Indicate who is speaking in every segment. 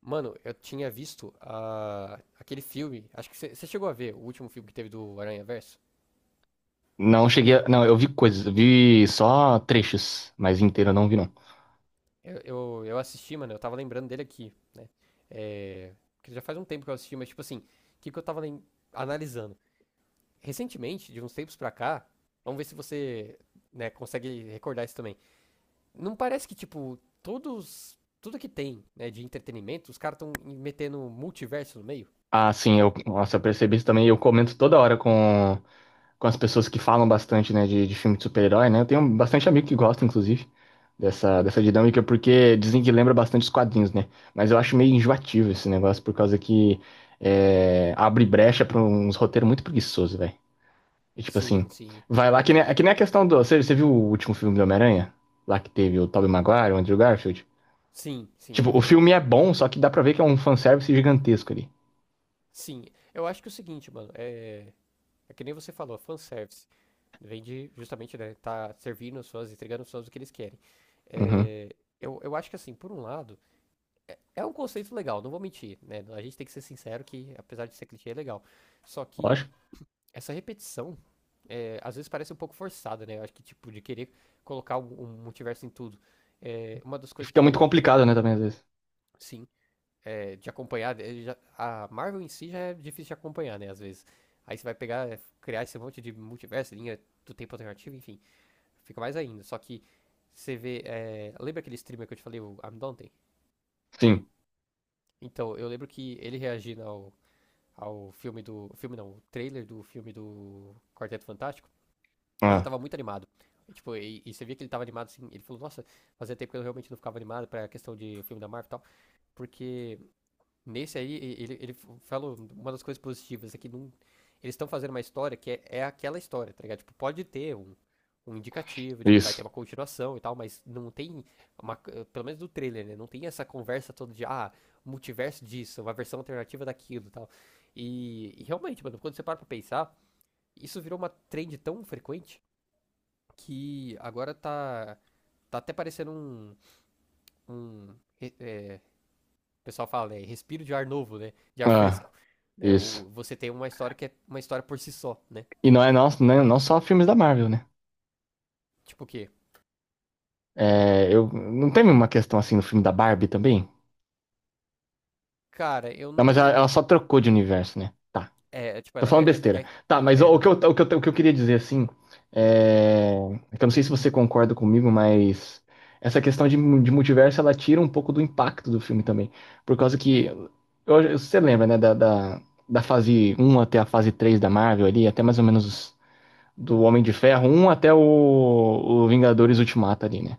Speaker 1: Mano, eu tinha visto aquele filme. Acho que você chegou a ver o último filme que teve do Aranha Verso.
Speaker 2: Não cheguei. Não, eu vi coisas, eu vi só trechos, mas inteiro eu não vi, não.
Speaker 1: Eu assisti, mano, eu tava lembrando dele aqui, né? É, que já faz um tempo que eu assisti, mas tipo assim, o que eu tava analisando? Recentemente, de uns tempos pra cá, vamos ver se você, né, consegue recordar isso também. Não parece que, tipo, todos. Tudo que tem, né, de entretenimento, os caras estão metendo multiverso no meio?
Speaker 2: Ah, sim, nossa, eu percebi isso também. Eu comento toda hora com as pessoas que falam bastante, né, de filme de super-herói, né? Eu tenho bastante amigo que gosta, inclusive, dessa dinâmica, porque dizem que lembra bastante os quadrinhos, né? Mas eu acho meio enjoativo esse negócio, por causa que abre brecha pra uns roteiros muito preguiçosos, velho. E tipo assim,
Speaker 1: Sim, sim.
Speaker 2: vai lá, que nem, é que nem a questão do. Você viu o último filme do Homem-Aranha? Lá que teve o Tobey Maguire, o Andrew Garfield?
Speaker 1: Sim, sim,
Speaker 2: Tipo,
Speaker 1: eu
Speaker 2: o
Speaker 1: vi.
Speaker 2: filme é bom, só que dá pra ver que é um fanservice gigantesco ali.
Speaker 1: Sim. Eu acho que é o seguinte, mano, é. É que nem você falou, fanservice. Vem de justamente, né, tá servindo os fãs, entregando os fãs o que eles querem.
Speaker 2: Uhum.
Speaker 1: É, eu acho que assim, por um lado, é um conceito legal, não vou mentir, né? A gente tem que ser sincero que, apesar de ser clichê, é legal. Só que
Speaker 2: Lógico.
Speaker 1: essa repetição, é, às vezes parece um pouco forçada, né? Eu acho que, tipo, de querer colocar um multiverso em tudo. É, uma das
Speaker 2: E
Speaker 1: coisas
Speaker 2: fica muito
Speaker 1: que,
Speaker 2: complicado, né, também, às vezes.
Speaker 1: sim, é, de acompanhar, é, a Marvel em si já é difícil de acompanhar, né? Às vezes. Aí você vai pegar, é, criar esse monte de multiverso, linha do tempo alternativo, enfim. Fica mais ainda. Só que você vê. É, lembra aquele streamer que eu te falei, o I'm Dante?
Speaker 2: Sim.
Speaker 1: Então, eu lembro que ele reagindo ao filme do. Filme não, o trailer do filme do Quarteto Fantástico. Ele
Speaker 2: Ah,
Speaker 1: tava muito animado. Tipo, e você via que ele tava animado assim. Ele falou, nossa, fazia tempo que eu realmente não ficava animado pra questão de filme da Marvel e tal. Porque nesse aí, ele falou uma das coisas positivas é que eles estão fazendo uma história que é, é aquela história, tá ligado? Tipo, pode ter um indicativo de que vai
Speaker 2: isso.
Speaker 1: ter uma continuação e tal, mas não tem uma, pelo menos do trailer, né? Não tem essa conversa toda de, ah, multiverso disso, uma versão alternativa daquilo e tal. E realmente, mano, quando você para pra pensar, isso virou uma trend tão frequente que agora tá, tá até parecendo um, é, o pessoal fala, né? Respiro de ar novo, né? De ar
Speaker 2: Ah,
Speaker 1: fresco. Né?
Speaker 2: isso.
Speaker 1: O, você tem uma história que é uma história por si só, né?
Speaker 2: E não é não, não só filmes da Marvel, né?
Speaker 1: Tipo o quê?
Speaker 2: Não teve uma questão assim no filme da Barbie também?
Speaker 1: Cara, eu
Speaker 2: Não, mas ela,
Speaker 1: não.
Speaker 2: ela só trocou de universo, né? Tá.
Speaker 1: É, é, tipo,
Speaker 2: Tô
Speaker 1: ela.
Speaker 2: falando
Speaker 1: É, é,
Speaker 2: besteira.
Speaker 1: é,
Speaker 2: Tá, mas
Speaker 1: é,
Speaker 2: o
Speaker 1: não,
Speaker 2: que
Speaker 1: é.
Speaker 2: eu, o que eu, o que eu queria dizer, assim, é... é que eu não sei se você concorda comigo, mas essa questão de multiverso, ela tira um pouco do impacto do filme também. Por causa que, você lembra, né, da fase um até a fase 3 da Marvel ali, até mais ou menos do Homem de Ferro um até o Vingadores Ultimato ali, né?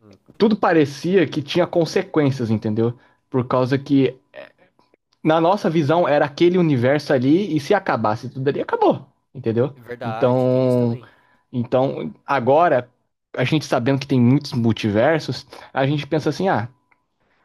Speaker 1: Hum.
Speaker 2: Tudo parecia que tinha consequências, entendeu? Por causa que na nossa visão, era aquele universo ali, e se acabasse tudo ali, acabou, entendeu?
Speaker 1: É verdade, tem isso
Speaker 2: Então,
Speaker 1: também.
Speaker 2: então, agora, a gente sabendo que tem muitos multiversos, a gente pensa assim, ah,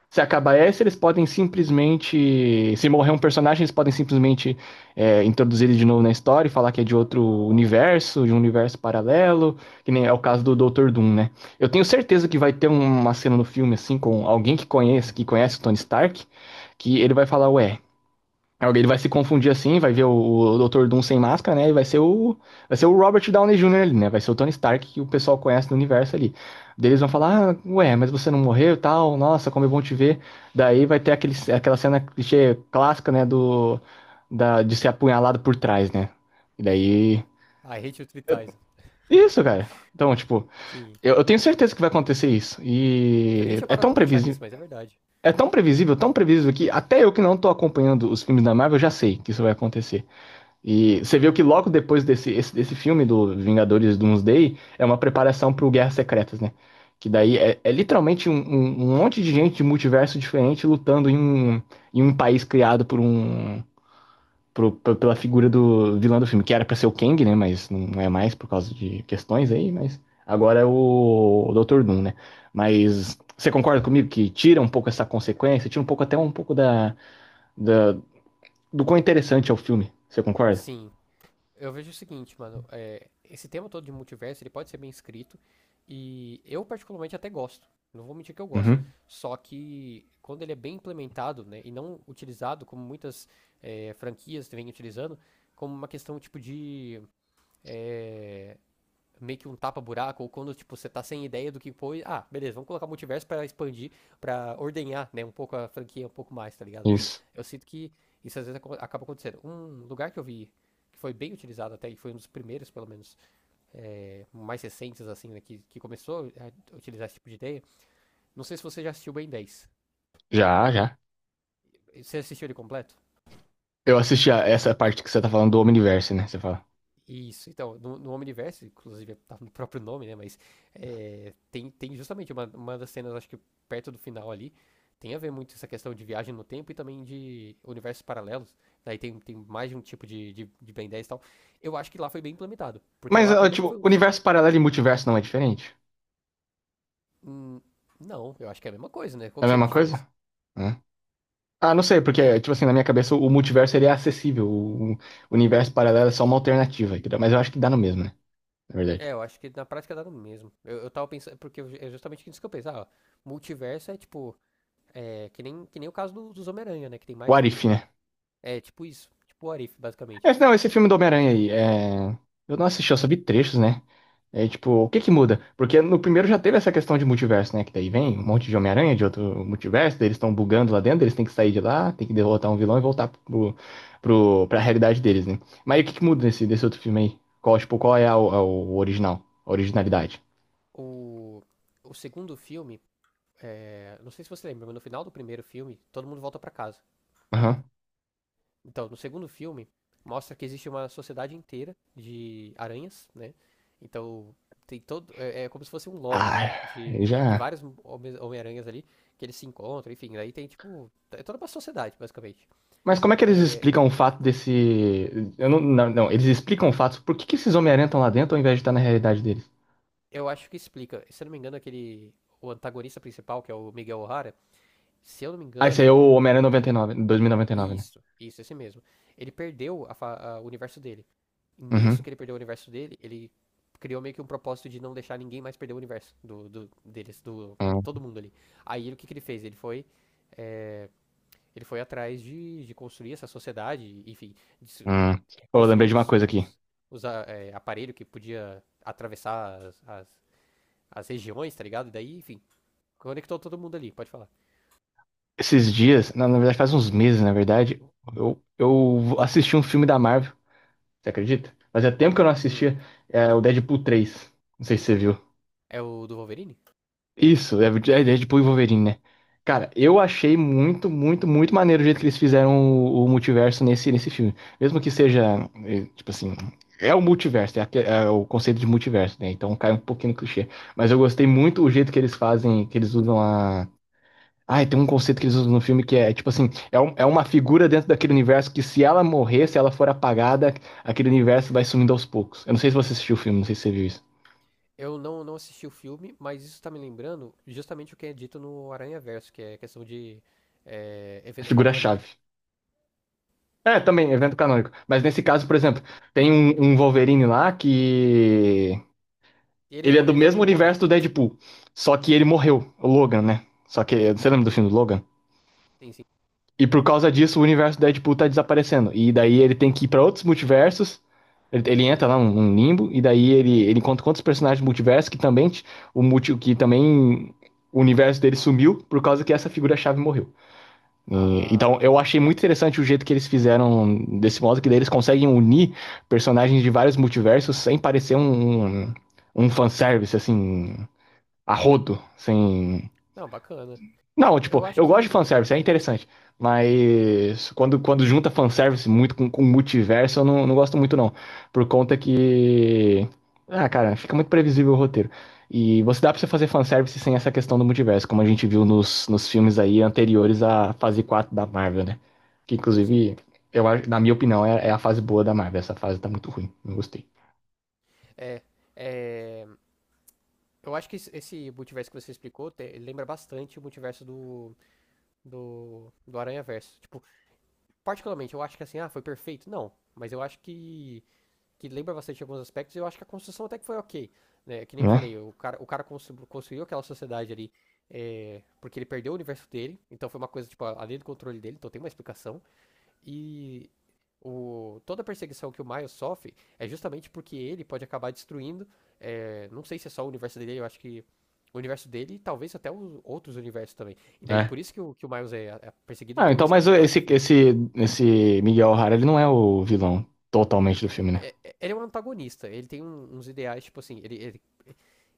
Speaker 2: se acabar esse, eles podem simplesmente. Se morrer um personagem, eles podem simplesmente introduzir ele de novo na história e falar que é de outro universo, de um universo paralelo, que nem é o caso do Dr. Doom, né? Eu tenho certeza que vai ter uma cena no filme, assim, com alguém que conhece o Tony Stark, que ele vai falar, ué, alguém vai se confundir assim, vai ver o Dr. Doom sem máscara, né? E vai ser o Robert Downey Jr. ali, né? Vai ser o Tony Stark que o pessoal conhece do universo ali. Daí eles vão falar, ah, ué, mas você não morreu e tal, nossa, como é bom te ver. Daí vai ter aquela cena clichê clássica, né? De ser apunhalado por trás, né? E daí.
Speaker 1: I hate you three times.
Speaker 2: Isso, cara. Então, tipo,
Speaker 1: Sim.
Speaker 2: eu tenho certeza que vai acontecer isso.
Speaker 1: Eu nem
Speaker 2: E
Speaker 1: tinha
Speaker 2: é
Speaker 1: parado
Speaker 2: tão
Speaker 1: pra pensar
Speaker 2: previsível.
Speaker 1: nisso, mas é verdade.
Speaker 2: É tão previsível que até eu que não tô acompanhando os filmes da Marvel já sei que isso vai acontecer. E você viu que logo depois desse, desse filme do Vingadores Doomsday é uma preparação pro Guerras Secretas, né? Que daí é, é literalmente um monte de gente de multiverso diferente lutando em um país criado por um pro- p- pela figura do vilão do filme, que era pra ser o Kang, né? Mas não é mais por causa de questões aí, mas agora é o Dr. Doom, né? Mas você concorda comigo que tira um pouco essa consequência, tira um pouco até um pouco da- do quão interessante é o filme. Você concorda?
Speaker 1: Sim, eu vejo o seguinte, mano, é, esse tema todo de multiverso, ele pode ser bem escrito e eu particularmente até gosto. Não vou mentir que eu gosto.
Speaker 2: Uhum.
Speaker 1: Só que quando ele é bem implementado, né, e não utilizado como muitas é, franquias vêm utilizando, como uma questão tipo de é, meio que um tapa-buraco, ou quando, tipo, você tá sem ideia do que foi ah, beleza, vamos colocar multiverso pra expandir, pra ordenhar, né, um pouco a franquia, um pouco mais, tá ligado?
Speaker 2: Isso.
Speaker 1: Eu sinto que isso às vezes acaba acontecendo. Um lugar que eu vi que foi bem utilizado até, e foi um dos primeiros, pelo menos, é, mais recentes, assim, né, que começou a utilizar esse tipo de ideia, não sei se você já assistiu o Ben 10.
Speaker 2: Já, já.
Speaker 1: Você assistiu ele completo?
Speaker 2: Eu assisti a essa parte que você tá falando do Omniverse, né? Você fala.
Speaker 1: Isso, então, no Omniverse, inclusive tá no próprio nome, né? Mas é, tem justamente uma das cenas, acho que perto do final ali, tem a ver muito essa questão de viagem no tempo e também de universos paralelos. Daí tem, tem mais de um tipo de Ben 10 e tal. Eu acho que lá foi bem implementado. Porque
Speaker 2: Mas,
Speaker 1: lá,
Speaker 2: ah,
Speaker 1: primeiro que
Speaker 2: tipo,
Speaker 1: foi um dos.
Speaker 2: universo paralelo e multiverso não é diferente?
Speaker 1: Hum, não, eu acho que é a mesma coisa, né? Qual
Speaker 2: É a
Speaker 1: que seria a
Speaker 2: mesma
Speaker 1: diferença?
Speaker 2: coisa? Hã? Ah, não sei, porque, tipo assim, na minha cabeça o multiverso ele é acessível. O universo paralelo é só uma alternativa. Entendeu? Mas eu acho que dá no mesmo, né? Na verdade.
Speaker 1: É, eu acho que na prática dá no mesmo. Eu tava pensando, porque é justamente isso que eu pensei. Ah, multiverso é tipo. É, que nem o caso dos Homem-Aranha, né? Que tem mais de
Speaker 2: What
Speaker 1: um.
Speaker 2: if, né?
Speaker 1: É, tipo isso. Tipo o Arif, basicamente.
Speaker 2: Esse, não, esse filme do Homem-Aranha aí, eu não assisti, eu só vi trechos, né? É tipo, o que que muda? Porque no primeiro já teve essa questão de multiverso, né? Que daí vem um monte de Homem-Aranha de outro multiverso, daí eles estão bugando lá dentro, eles têm que sair de lá, tem que derrotar um vilão e voltar pro, pra realidade deles, né? Mas aí o que que muda nesse, desse outro filme aí? Qual, tipo, qual é o original? A originalidade?
Speaker 1: O, o segundo filme, é, não sei se você lembra, mas no final do primeiro filme, todo mundo volta pra casa.
Speaker 2: Aham.
Speaker 1: Então, no segundo filme, mostra que existe uma sociedade inteira de aranhas, né? Então, tem todo. É como se fosse um lobby, né?
Speaker 2: Ah,
Speaker 1: De,
Speaker 2: aí
Speaker 1: de
Speaker 2: já.
Speaker 1: vários Homem-Aranhas ali, que eles se encontram, enfim. Daí tem, tipo. É toda uma sociedade, basicamente.
Speaker 2: Mas como é que eles
Speaker 1: É,
Speaker 2: explicam o fato desse. Eu não, não, não, eles explicam o fato por que que esses Homem-Aranha estão lá dentro ao invés de estar na realidade deles?
Speaker 1: eu acho que explica. Se eu não me engano, aquele. O antagonista principal, que é o Miguel O'Hara, se eu não me
Speaker 2: Ah, esse aí
Speaker 1: engano,
Speaker 2: é o Homem-Aranha 99, 2099, né?
Speaker 1: isso, esse mesmo. Ele perdeu o universo dele. E nisso
Speaker 2: Uhum.
Speaker 1: que ele perdeu o universo dele, ele criou meio que um propósito de não deixar ninguém mais perder o universo deles, do
Speaker 2: Hum,
Speaker 1: todo mundo ali. Aí o que ele fez? É, ele foi atrás de construir essa sociedade, enfim, de se-
Speaker 2: hum.
Speaker 1: eh,
Speaker 2: Pô, eu lembrei
Speaker 1: construiu
Speaker 2: de uma
Speaker 1: os,
Speaker 2: coisa aqui.
Speaker 1: os, os a- é, aparelhos que podia atravessar as regiões, tá ligado? E daí, enfim, conectou todo mundo ali, pode falar.
Speaker 2: Esses dias, na verdade faz uns meses, na verdade, eu assisti um filme da Marvel, você acredita? Fazia tempo que eu não
Speaker 1: Hum,
Speaker 2: assistia, é, o Deadpool 3. Não sei se você viu.
Speaker 1: É o do Wolverine?
Speaker 2: Isso, é, é Deadpool e Wolverine, né? Cara, eu achei muito, muito, muito maneiro o jeito que eles fizeram o multiverso nesse filme. Mesmo que seja, tipo assim, é o multiverso, é o conceito de multiverso, né? Então cai um pouquinho no clichê. Mas eu gostei muito o jeito que eles fazem, que eles usam a. Ah, tem um conceito que eles usam no filme que é tipo assim, é uma figura dentro daquele universo que se ela morrer, se ela for apagada, aquele universo vai sumindo aos poucos. Eu não sei se você assistiu o filme, não sei se você viu isso.
Speaker 1: Eu não, não assisti o filme, mas isso tá me lembrando justamente o que é dito no Aranha Verso, que é questão de
Speaker 2: A
Speaker 1: evento canônico.
Speaker 2: figura-chave. É, também, evento canônico. Mas nesse caso, por exemplo, tem um Wolverine lá que.
Speaker 1: Se ele
Speaker 2: Ele é do
Speaker 1: morrer, todo
Speaker 2: mesmo
Speaker 1: mundo morre.
Speaker 2: universo do Deadpool. Só que ele morreu, o Logan, né? Só que. Você lembra do filme
Speaker 1: Hum,
Speaker 2: do Logan?
Speaker 1: sim, sim.
Speaker 2: E por causa disso, o universo do Deadpool tá desaparecendo. E daí ele tem que ir pra outros multiversos. Ele entra lá num limbo. E daí ele encontra com outros personagens do multiverso que também. Que também. O universo dele sumiu por causa que essa figura-chave morreu. Então, eu
Speaker 1: Ah,
Speaker 2: achei muito interessante o jeito que eles fizeram desse modo, que daí eles conseguem unir personagens de vários multiversos sem parecer um fanservice, assim, a rodo, sem
Speaker 1: não, bacana.
Speaker 2: não, tipo,
Speaker 1: Eu acho
Speaker 2: eu gosto de
Speaker 1: que.
Speaker 2: fanservice, é interessante. Mas quando junta fanservice muito com multiverso, eu não gosto muito, não. Por conta que. Ah, cara, fica muito previsível o roteiro. E você dá pra você
Speaker 1: Sim,
Speaker 2: fazer fanservice sem essa questão do multiverso, como a gente viu nos filmes aí anteriores à fase 4 da Marvel, né? Que
Speaker 1: sim.
Speaker 2: inclusive, na minha opinião, é, é a fase boa da Marvel. Essa fase tá muito ruim, não gostei.
Speaker 1: É, é, eu acho que esse multiverso que você explicou lembra bastante o multiverso do Aranha Verso. Tipo, particularmente, eu acho que assim, ah, foi perfeito. Não, mas eu acho que lembra bastante alguns aspectos, e eu acho que a construção até que foi ok. Né? É que nem eu falei,
Speaker 2: Né?
Speaker 1: o cara construiu aquela sociedade ali porque ele perdeu o universo dele, então foi uma coisa, tipo, além do controle dele, então tem uma explicação. E toda a perseguição que o Miles sofre é justamente porque ele pode acabar destruindo, não sei se é só o universo dele, eu acho que o universo dele e talvez até os outros universos também. E daí
Speaker 2: Né?
Speaker 1: por isso que o, que o Miles é perseguido,
Speaker 2: Ah,
Speaker 1: então
Speaker 2: então,
Speaker 1: esse que é
Speaker 2: mas
Speaker 1: o plot do
Speaker 2: esse,
Speaker 1: filme.
Speaker 2: esse, esse Miguel O'Hara, ele não é o vilão totalmente do filme, né?
Speaker 1: Ele é um antagonista, ele tem uns ideais, tipo assim, ele, ele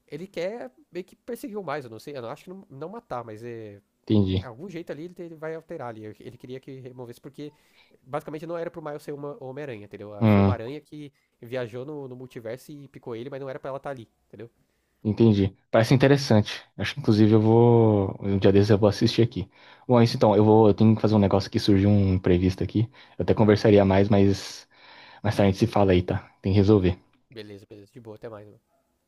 Speaker 1: Ele quer meio que perseguir o mais, eu não sei, eu não acho que não, não matar, mas é.
Speaker 2: Entendi.
Speaker 1: Algum jeito ali ele vai alterar ali. Ele queria que removesse, porque basicamente não era pro Miles ser uma Homem-Aranha, entendeu? Ah, foi uma
Speaker 2: Hum,
Speaker 1: aranha que viajou no multiverso e picou ele, mas não era pra ela estar ali, entendeu?
Speaker 2: entendi. Parece interessante. Acho que inclusive eu vou. Um dia desses eu vou assistir aqui. Bom, é isso então. Eu vou. Eu tenho que fazer um negócio que surgiu um imprevisto aqui. Eu até conversaria mais, mas mais tarde a gente se fala aí, tá? Tem que resolver.
Speaker 1: Beleza, beleza, de boa, até mais, mano.